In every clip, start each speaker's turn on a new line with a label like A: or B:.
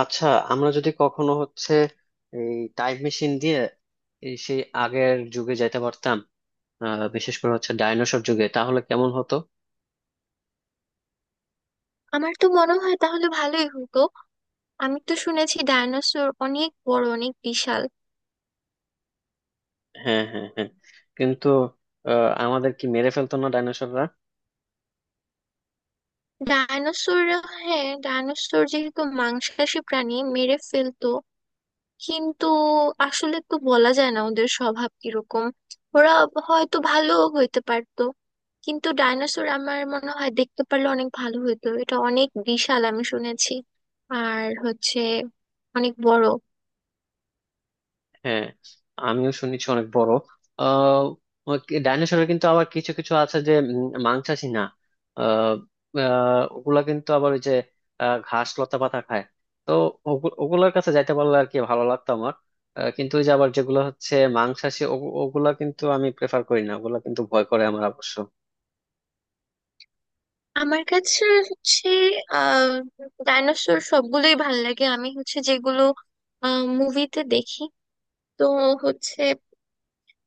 A: আচ্ছা, আমরা যদি কখনো হচ্ছে এই টাইম মেশিন দিয়ে এই সেই আগের যুগে যাইতে পারতাম, বিশেষ করে হচ্ছে ডাইনোসর যুগে তাহলে কেমন হতো।
B: আমার তো মনে হয় তাহলে ভালোই হতো। আমি তো শুনেছি ডায়নোসর অনেক বড়, অনেক বিশাল।
A: হ্যাঁ হ্যাঁ হ্যাঁ। কিন্তু আমাদের কি মেরে ফেলতো না ডাইনোসররা?
B: ডায়নোসর, হ্যাঁ ডায়নোসর যেহেতু মাংসাশী প্রাণী, মেরে ফেলতো। কিন্তু আসলে তো বলা যায় না ওদের স্বভাব কিরকম। ওরা হয়তো ভালো হইতে পারতো। কিন্তু ডায়নোসর আমার মনে হয় দেখতে পারলে অনেক ভালো হতো, এটা অনেক বিশাল আমি শুনেছি আর হচ্ছে অনেক বড়।
A: হ্যাঁ, আমিও শুনেছি অনেক বড়। আহ ডাইনোসরের কিন্তু আবার কিছু কিছু আছে যে মাংসাশী না। আহ, আহ, ওগুলা কিন্তু আবার ওই যে ঘাস লতা পাতা খায়। তো ওগুলার কাছে যাইতে পারলে আর কি ভালো লাগতো আমার। কিন্তু ওই যে আবার যেগুলো হচ্ছে মাংসাশী, ওগুলা কিন্তু আমি প্রেফার করি না, ওগুলা কিন্তু ভয় করে আমার অবশ্য।
B: আমার কাছে হচ্ছে আহ ডাইনোসর সবগুলোই ভাল লাগে, আমি হচ্ছে যেগুলো মুভিতে দেখি। তো হচ্ছে,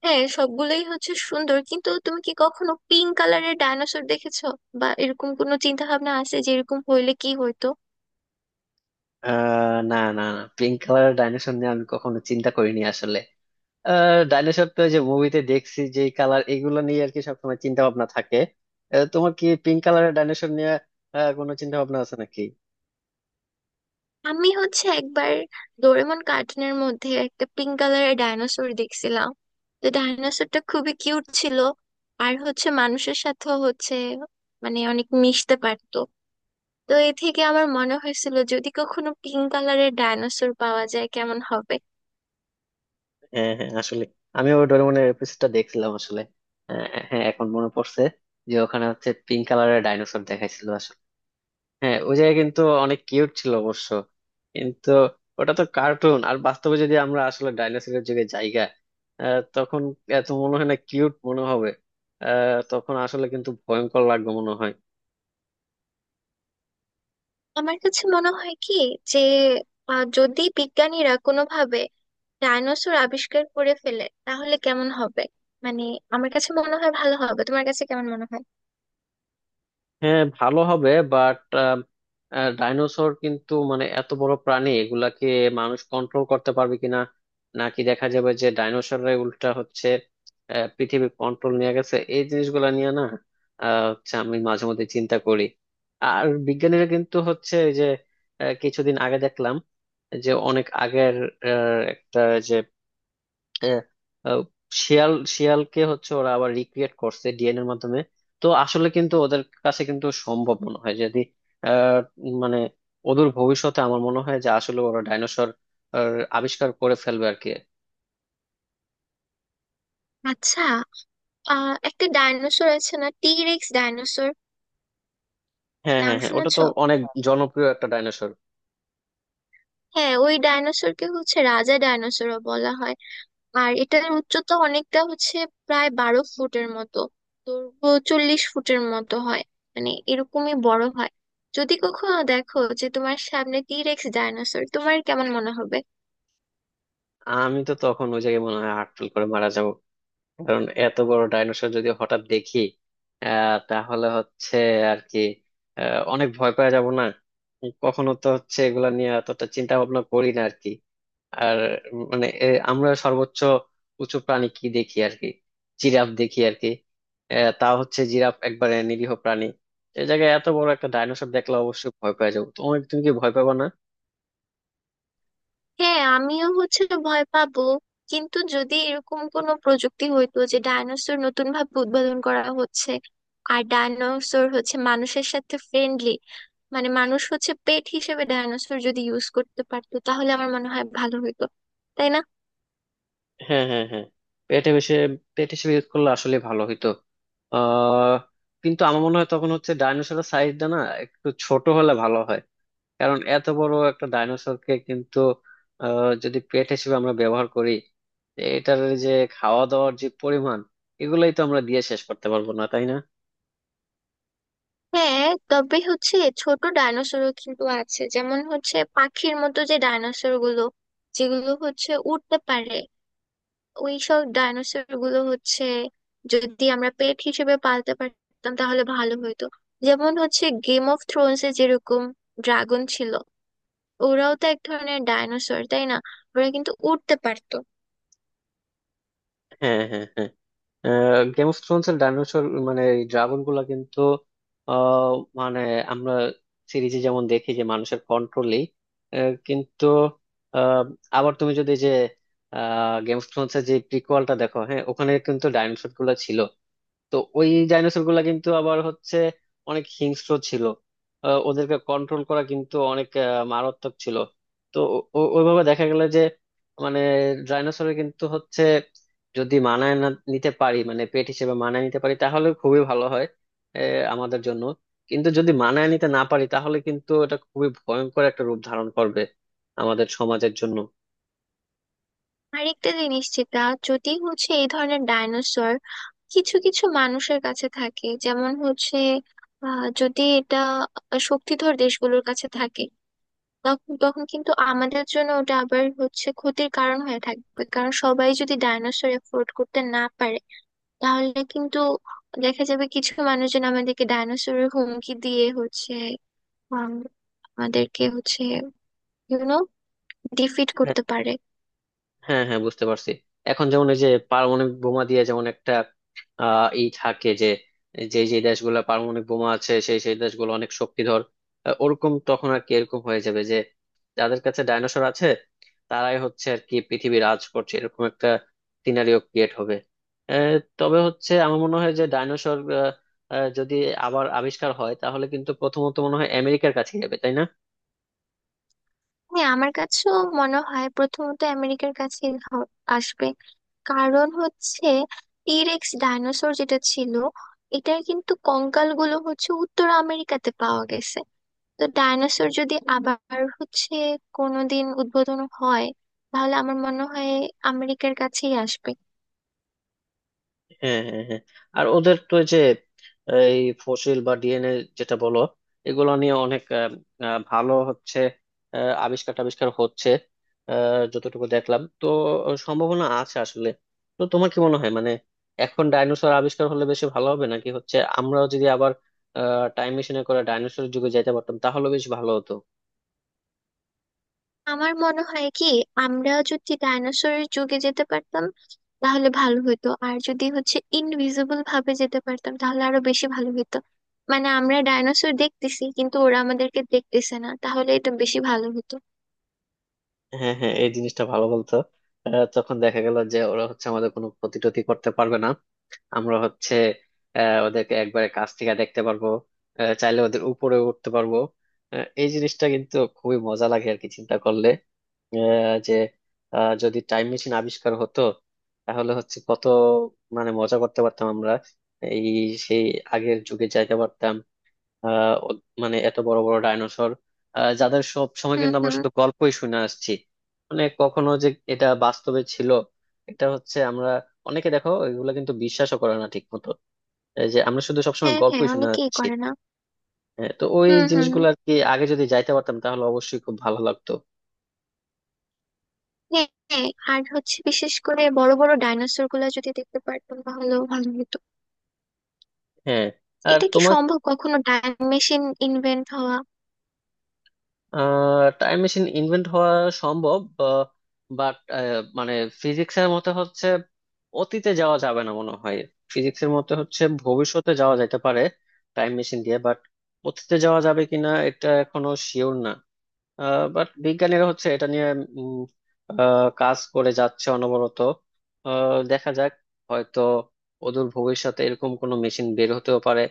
B: হ্যাঁ সবগুলোই হচ্ছে সুন্দর। কিন্তু তুমি কি কখনো পিঙ্ক কালারের ডাইনোসর দেখেছো, বা এরকম কোনো চিন্তা ভাবনা আছে যে এরকম হইলে কি হইতো?
A: না না না, পিঙ্ক কালারের ডাইনোসর নিয়ে আমি কখনো চিন্তা করিনি আসলে। ডাইনোসর তো ওই যে মুভিতে দেখছি, যে কালার এগুলো নিয়ে আর কি সবসময় চিন্তা ভাবনা থাকে। তোমার কি পিঙ্ক কালারের ডাইনোসর নিয়ে কোনো চিন্তা ভাবনা আছে নাকি?
B: আমি হচ্ছে একবার ডোরেমন কার্টুনের মধ্যে একটা পিঙ্ক কালারের ডাইনোসর দেখছিলাম। তো ডাইনোসরটা খুবই কিউট ছিল, আর হচ্ছে মানুষের সাথেও হচ্ছে, মানে অনেক মিশতে পারতো। তো এ থেকে আমার মনে হয়েছিল যদি কখনো পিঙ্ক কালারের ডাইনোসর পাওয়া যায় কেমন হবে।
A: হ্যাঁ হ্যাঁ, আসলে আমি ওই ডোরেমনের এপিসোডটা দেখছিলাম আসলে। হ্যাঁ, এখন মনে পড়ছে যে ওখানে হচ্ছে পিঙ্ক কালারের ডাইনোসর দেখাইছিল আসলে। হ্যাঁ, ওই জায়গায় কিন্তু অনেক কিউট ছিল অবশ্য। কিন্তু ওটা তো কার্টুন, আর বাস্তবে যদি আমরা আসলে ডাইনোসরের যুগে জায়গা, তখন এত মনে হয় না কিউট মনে হবে। তখন আসলে কিন্তু ভয়ঙ্কর লাগবে মনে হয়।
B: আমার কাছে মনে হয় কি যে যদি বিজ্ঞানীরা কোনোভাবে ডাইনোসর আবিষ্কার করে ফেলে তাহলে কেমন হবে? মানে আমার কাছে মনে হয় ভালো হবে, তোমার কাছে কেমন মনে হয়?
A: হ্যাঁ ভালো হবে, বাট ডাইনোসর কিন্তু মানে এত বড় প্রাণী, এগুলাকে মানুষ কন্ট্রোল করতে পারবে কিনা, নাকি দেখা যাবে যে ডাইনোসররা উল্টা হচ্ছে পৃথিবীর কন্ট্রোল নিয়ে গেছে, এই জিনিসগুলো নিয়ে না হচ্ছে আমি মাঝে মধ্যে চিন্তা করি। আর বিজ্ঞানীরা কিন্তু হচ্ছে এই যে কিছুদিন আগে দেখলাম যে অনেক আগের একটা, যে আহ, আহ, শিয়াল শিয়ালকে হচ্ছে ওরা আবার রিক্রিয়েট করছে ডিএনএর মাধ্যমে। তো আসলে কিন্তু ওদের কাছে কিন্তু সম্ভব মনে হয় যদি আহ, মানে ওদের ভবিষ্যতে, আমার মনে হয় যে আসলে ওরা ডাইনোসর আবিষ্কার করে ফেলবে আর কি।
B: আচ্ছা, একটা ডাইনোসর আছে না টি রেক্স ডাইনোসর,
A: হ্যাঁ
B: নাম
A: হ্যাঁ হ্যাঁ, ওটা তো
B: শুনেছো?
A: অনেক জনপ্রিয় একটা ডাইনোসর।
B: হ্যাঁ ওই ডাইনোসরকে হচ্ছে রাজা ডাইনোসরও বলা হয়। আর এটার উচ্চতা অনেকটা হচ্ছে প্রায় 12 ফুটের মতো, দৈর্ঘ্য 40 ফুটের মতো হয়। মানে এরকমই বড় হয়। যদি কখনো দেখো যে তোমার সামনে টিরেক্স ডাইনোসর, তোমার কেমন মনে হবে?
A: আমি তো তখন ওই জায়গায় মনে হয় হার্টফেল করে মারা যাবো, কারণ এত বড় ডাইনোসর যদি হঠাৎ দেখি তাহলে হচ্ছে আর কি অনেক ভয় পাওয়া যাব না। কখনো তো হচ্ছে এগুলা নিয়ে এতটা চিন্তা ভাবনা করি না আর কি। আর মানে আমরা সর্বোচ্চ উঁচু প্রাণী কি দেখি আর কি, জিরাফ দেখি আর কি। তা হচ্ছে জিরাফ একবারে নিরীহ প্রাণী। এই জায়গায় এত বড় একটা ডাইনোসর দেখলে অবশ্যই ভয় পাওয়া যাবো। তুমি তুমি কি ভয় পাবা না?
B: হ্যাঁ আমিও হচ্ছে ভয় পাবো। কিন্তু যদি এরকম কোনো প্রযুক্তি হইতো যে ডাইনোসর নতুন ভাবে উদ্ভাবন করা হচ্ছে, আর ডাইনোসর হচ্ছে মানুষের সাথে ফ্রেন্ডলি, মানে মানুষ হচ্ছে পেট হিসেবে ডাইনোসর যদি ইউজ করতে পারতো তাহলে আমার মনে হয় ভালো হতো, তাই না?
A: হ্যাঁ হ্যাঁ হ্যাঁ, পেট হিসেবে, পেট হিসেবে ইউজ করলে আসলে ভালো হইতো। আহ কিন্তু আমার মনে হয় তখন হচ্ছে ডাইনোসরের সাইজটা না একটু ছোট হলে ভালো হয়। কারণ এত বড় একটা ডাইনোসরকে কিন্তু যদি পেট হিসেবে আমরা ব্যবহার করি, এটার যে খাওয়া দাওয়ার যে পরিমাণ, এগুলাই তো আমরা দিয়ে শেষ করতে পারবো না, তাই না?
B: হ্যাঁ তবে হচ্ছে ছোট ডাইনোসরও কিন্তু আছে, যেমন হচ্ছে পাখির মতো যে ডাইনোসর গুলো, যেগুলো হচ্ছে উঠতে পারে। ওই সব ডাইনোসর গুলো হচ্ছে যদি আমরা পেট হিসেবে পালতে পারতাম তাহলে ভালো হতো। যেমন হচ্ছে গেম অফ থ্রোনস এ যেরকম ড্রাগন ছিল, ওরাও তো এক ধরনের ডাইনোসর তাই না? ওরা কিন্তু উঠতে পারতো।
A: হ্যাঁ হ্যাঁ হ্যাঁ, গেম অফ থ্রোনস এর ডাইনোসর মানে ড্রাগন গুলা কিন্তু আহ, মানে আমরা সিরিজে যেমন দেখি যে মানুষের কন্ট্রোলে, কিন্তু আহ, আবার তুমি যদি যে গেম অফ থ্রোনস এর যে প্রিকোয়ালটা দেখো, হ্যাঁ ওখানে কিন্তু ডাইনোসর গুলা ছিল। তো ওই ডাইনোসর গুলা কিন্তু আবার হচ্ছে অনেক হিংস্র ছিল। ওদেরকে কন্ট্রোল করা কিন্তু অনেক মারাত্মক ছিল। তো ওইভাবে দেখা গেল যে মানে ডাইনোসরের কিন্তু হচ্ছে যদি মানায় না নিতে পারি, মানে পেট হিসেবে মানায় নিতে পারি তাহলে খুবই ভালো হয় আমাদের জন্য। কিন্তু যদি মানায় নিতে না পারি তাহলে কিন্তু এটা খুবই ভয়ঙ্কর একটা রূপ ধারণ করবে আমাদের সমাজের জন্য।
B: আরেকটা জিনিস যেটা, যদি হচ্ছে এই ধরনের ডাইনোসর কিছু কিছু মানুষের কাছে থাকে, যেমন হচ্ছে যদি এটা শক্তিধর দেশগুলোর কাছে থাকে, তখন তখন কিন্তু আমাদের জন্য ওটা আবার হচ্ছে ক্ষতির কারণ হয়ে থাকবে, কারণ সবাই যদি ডাইনোসর এফোর্ড করতে না পারে তাহলে কিন্তু দেখা যাবে কিছু মানুষজন আমাদেরকে ডাইনোসরের হুমকি দিয়ে হচ্ছে আম, আমাদেরকে হচ্ছে ইউনো ডিফিট করতে পারে।
A: হ্যাঁ হ্যাঁ, বুঝতে পারছি। এখন যেমন এই যে পারমাণবিক বোমা দিয়ে যেমন একটা ই থাকে যে, যে দেশগুলো পারমাণবিক বোমা আছে সেই সেই দেশগুলো অনেক শক্তিধর। ওরকম তখন আর কি এরকম হয়ে যাবে যে যাদের কাছে ডাইনোসর আছে তারাই হচ্ছে আর কি পৃথিবী রাজ করছে এরকম একটা সিনারিও ক্রিয়েট হবে। তবে হচ্ছে আমার মনে হয় যে ডাইনোসর যদি আবার আবিষ্কার হয় তাহলে কিন্তু প্রথমত মনে হয় আমেরিকার কাছে যাবে, তাই না?
B: হ্যাঁ আমার কাছেও মনে হয় প্রথমত আমেরিকার কাছে আসবে। কারণ হচ্ছে টিরেক্স ডাইনোসর যেটা ছিল, এটার কিন্তু কঙ্কালগুলো হচ্ছে উত্তর আমেরিকাতে পাওয়া গেছে। তো ডাইনোসর যদি আবার হচ্ছে কোনোদিন উদ্বোধন হয় তাহলে আমার মনে হয় আমেরিকার কাছেই আসবে।
A: হ্যাঁ হ্যাঁ হ্যাঁ হ্যাঁ। আর ওদের তো ওই যে এই ফসিল বা ডিএনএ, যেটা বলো, এগুলো নিয়ে অনেক আহ, আহ, ভালো হচ্ছে আবিষ্কার টাবিষ্কার হচ্ছে যতটুকু দেখলাম তো সম্ভাবনা আছে আসলে। তো তোমার কি মনে হয় মানে এখন ডাইনোসর আবিষ্কার হলে বেশি ভালো হবে, নাকি হচ্ছে আমরাও যদি আবার টাইম মেশিনে করে ডাইনোসরের যুগে যেতে পারতাম তাহলে বেশ ভালো হতো?
B: আমার মনে হয় কি, আমরা যদি ডাইনোসরের যুগে যেতে পারতাম তাহলে ভালো হতো, আর যদি হচ্ছে ইনভিজিবল ভাবে যেতে পারতাম তাহলে আরো বেশি ভালো হতো। মানে আমরা ডাইনোসর দেখতেছি কিন্তু ওরা আমাদেরকে দেখতেছে না, তাহলে এটা বেশি ভালো হতো।
A: হ্যাঁ হ্যাঁ, এই জিনিসটা ভালো বলতো। তখন দেখা গেল যে ওরা হচ্ছে আমাদের কোনো ক্ষতি টতি করতে পারবে না। আমরা হচ্ছে ওদেরকে একবারে কাছ থেকে দেখতে পারবো, চাইলে ওদের উপরে উঠতে পারবো। এই জিনিসটা কিন্তু খুবই মজা লাগে আর কি চিন্তা করলে যে যদি টাইম মেশিন আবিষ্কার হতো তাহলে হচ্ছে কত মানে মজা করতে পারতাম আমরা, এই সেই আগের যুগে যাইতে পারতাম। আহ ও- মানে এত বড় বড় ডাইনোসর, যাদের সব সময়
B: হুম
A: কিন্তু আমরা
B: হুম।
A: শুধু গল্পই শুনে আসছি, মানে কখনো যে এটা বাস্তবে ছিল, এটা হচ্ছে আমরা, অনেকে দেখো এগুলো কিন্তু বিশ্বাসও করে না ঠিক মতো, এই যে আমরা শুধু সবসময়
B: হ্যাঁ হ্যাঁ,
A: গল্পই শুনে
B: অনেকেই
A: আসছি।
B: করে না।
A: হ্যাঁ, তো ওই
B: হুম হুম হুম।
A: জিনিসগুলো আর কি আগে যদি যাইতে পারতাম তাহলে অবশ্যই খুব ভালো লাগতো।
B: হ্যাঁ হ্যাঁ, আর হচ্ছে বিশেষ করে বড় বড় ডাইনোসর গুলা যদি দেখতে পারতাম তাহলেও ভালো হতো।
A: হ্যাঁ। আর
B: এটা কি
A: তোমার
B: সম্ভব কখনো টাইম মেশিন ইনভেন্ট হওয়া?
A: টাইম মেশিন ইনভেন্ট হওয়া সম্ভব, বাট মানে ফিজিক্সের মতে হচ্ছে অতীতে যাওয়া যাবে না মনে হয়। ফিজিক্সের মতে হচ্ছে ভবিষ্যতে যাওয়া যেতে পারে টাইম মেশিন দিয়ে, বাট অতীতে যাওয়া যাবে কিনা এটা এখনো শিওর না। বাট বিজ্ঞানীরা হচ্ছে এটা নিয়ে উম, কাজ করে যাচ্ছে অনবরত। দেখা যাক, হয়তো অদূর ভবিষ্যতে এরকম কোনো মেশিন বের হতেও পারে।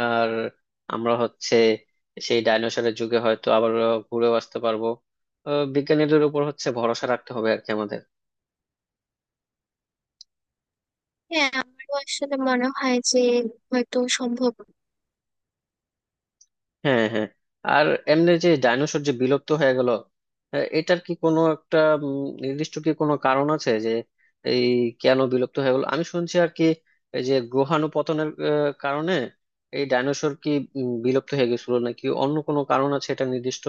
A: আর আমরা হচ্ছে সেই ডাইনোসরের যুগে হয়তো আবার ঘুরেও আসতে পারবো। বিজ্ঞানীদের উপর হচ্ছে ভরসা রাখতে হবে আর কি আমাদের।
B: হ্যাঁ আমারও আসলে মনে হয় যে হয়তো সম্ভব।
A: হ্যাঁ হ্যাঁ। আর এমনি যে ডাইনোসর যে বিলুপ্ত হয়ে গেল, এটার কি কোনো একটা নির্দিষ্ট কি কোনো কারণ আছে যে এই কেন বিলুপ্ত হয়ে গেল? আমি শুনছি আর কি এই যে গ্রহাণুপতনের কারণে এই ডাইনোসর কি বিলুপ্ত হয়ে গেছিল, নাকি অন্য কোনো কারণ আছে এটা নির্দিষ্ট?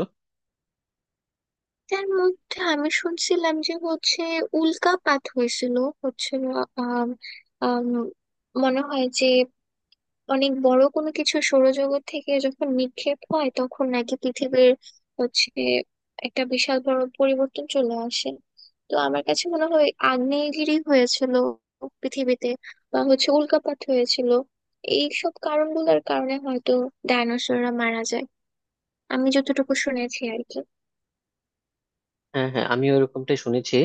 B: তার মধ্যে আমি শুনছিলাম যে হচ্ছে উল্কাপাত হয়েছিল। হচ্ছে আম, আম, মনে হয় যে অনেক বড় কোনো কিছু সৌরজগৎ থেকে যখন নিক্ষেপ হয় তখন নাকি পৃথিবীর হচ্ছে একটা বিশাল বড় পরিবর্তন চলে আসে। তো আমার কাছে মনে হয় আগ্নেয়গিরি হয়েছিল পৃথিবীতে, বা হচ্ছে উল্কাপাত হয়েছিল, এইসব কারণগুলোর কারণে হয়তো ডাইনোসররা মারা যায়, আমি যতটুকু শুনেছি আর কি।
A: হ্যাঁ হ্যাঁ, আমি ওরকমটাই শুনেছি।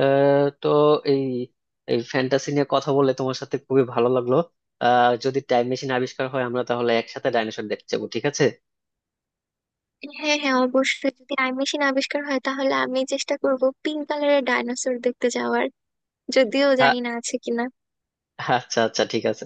A: তো এই এই ফ্যান্টাসি নিয়ে কথা বলে তোমার সাথে খুবই ভালো লাগলো। যদি টাইম মেশিন আবিষ্কার হয় আমরা তাহলে একসাথে ডাইনোসর দেখতে যাবো, ঠিক আছে?
B: হ্যাঁ হ্যাঁ অবশ্যই, যদি টাইম মেশিন আবিষ্কার হয় তাহলে আমি চেষ্টা করব পিঙ্ক কালারের ডাইনোসর দেখতে যাওয়ার, যদিও
A: আ-
B: জানি না আছে কিনা।
A: আচ্ছা আচ্ছা, ঠিক আছে।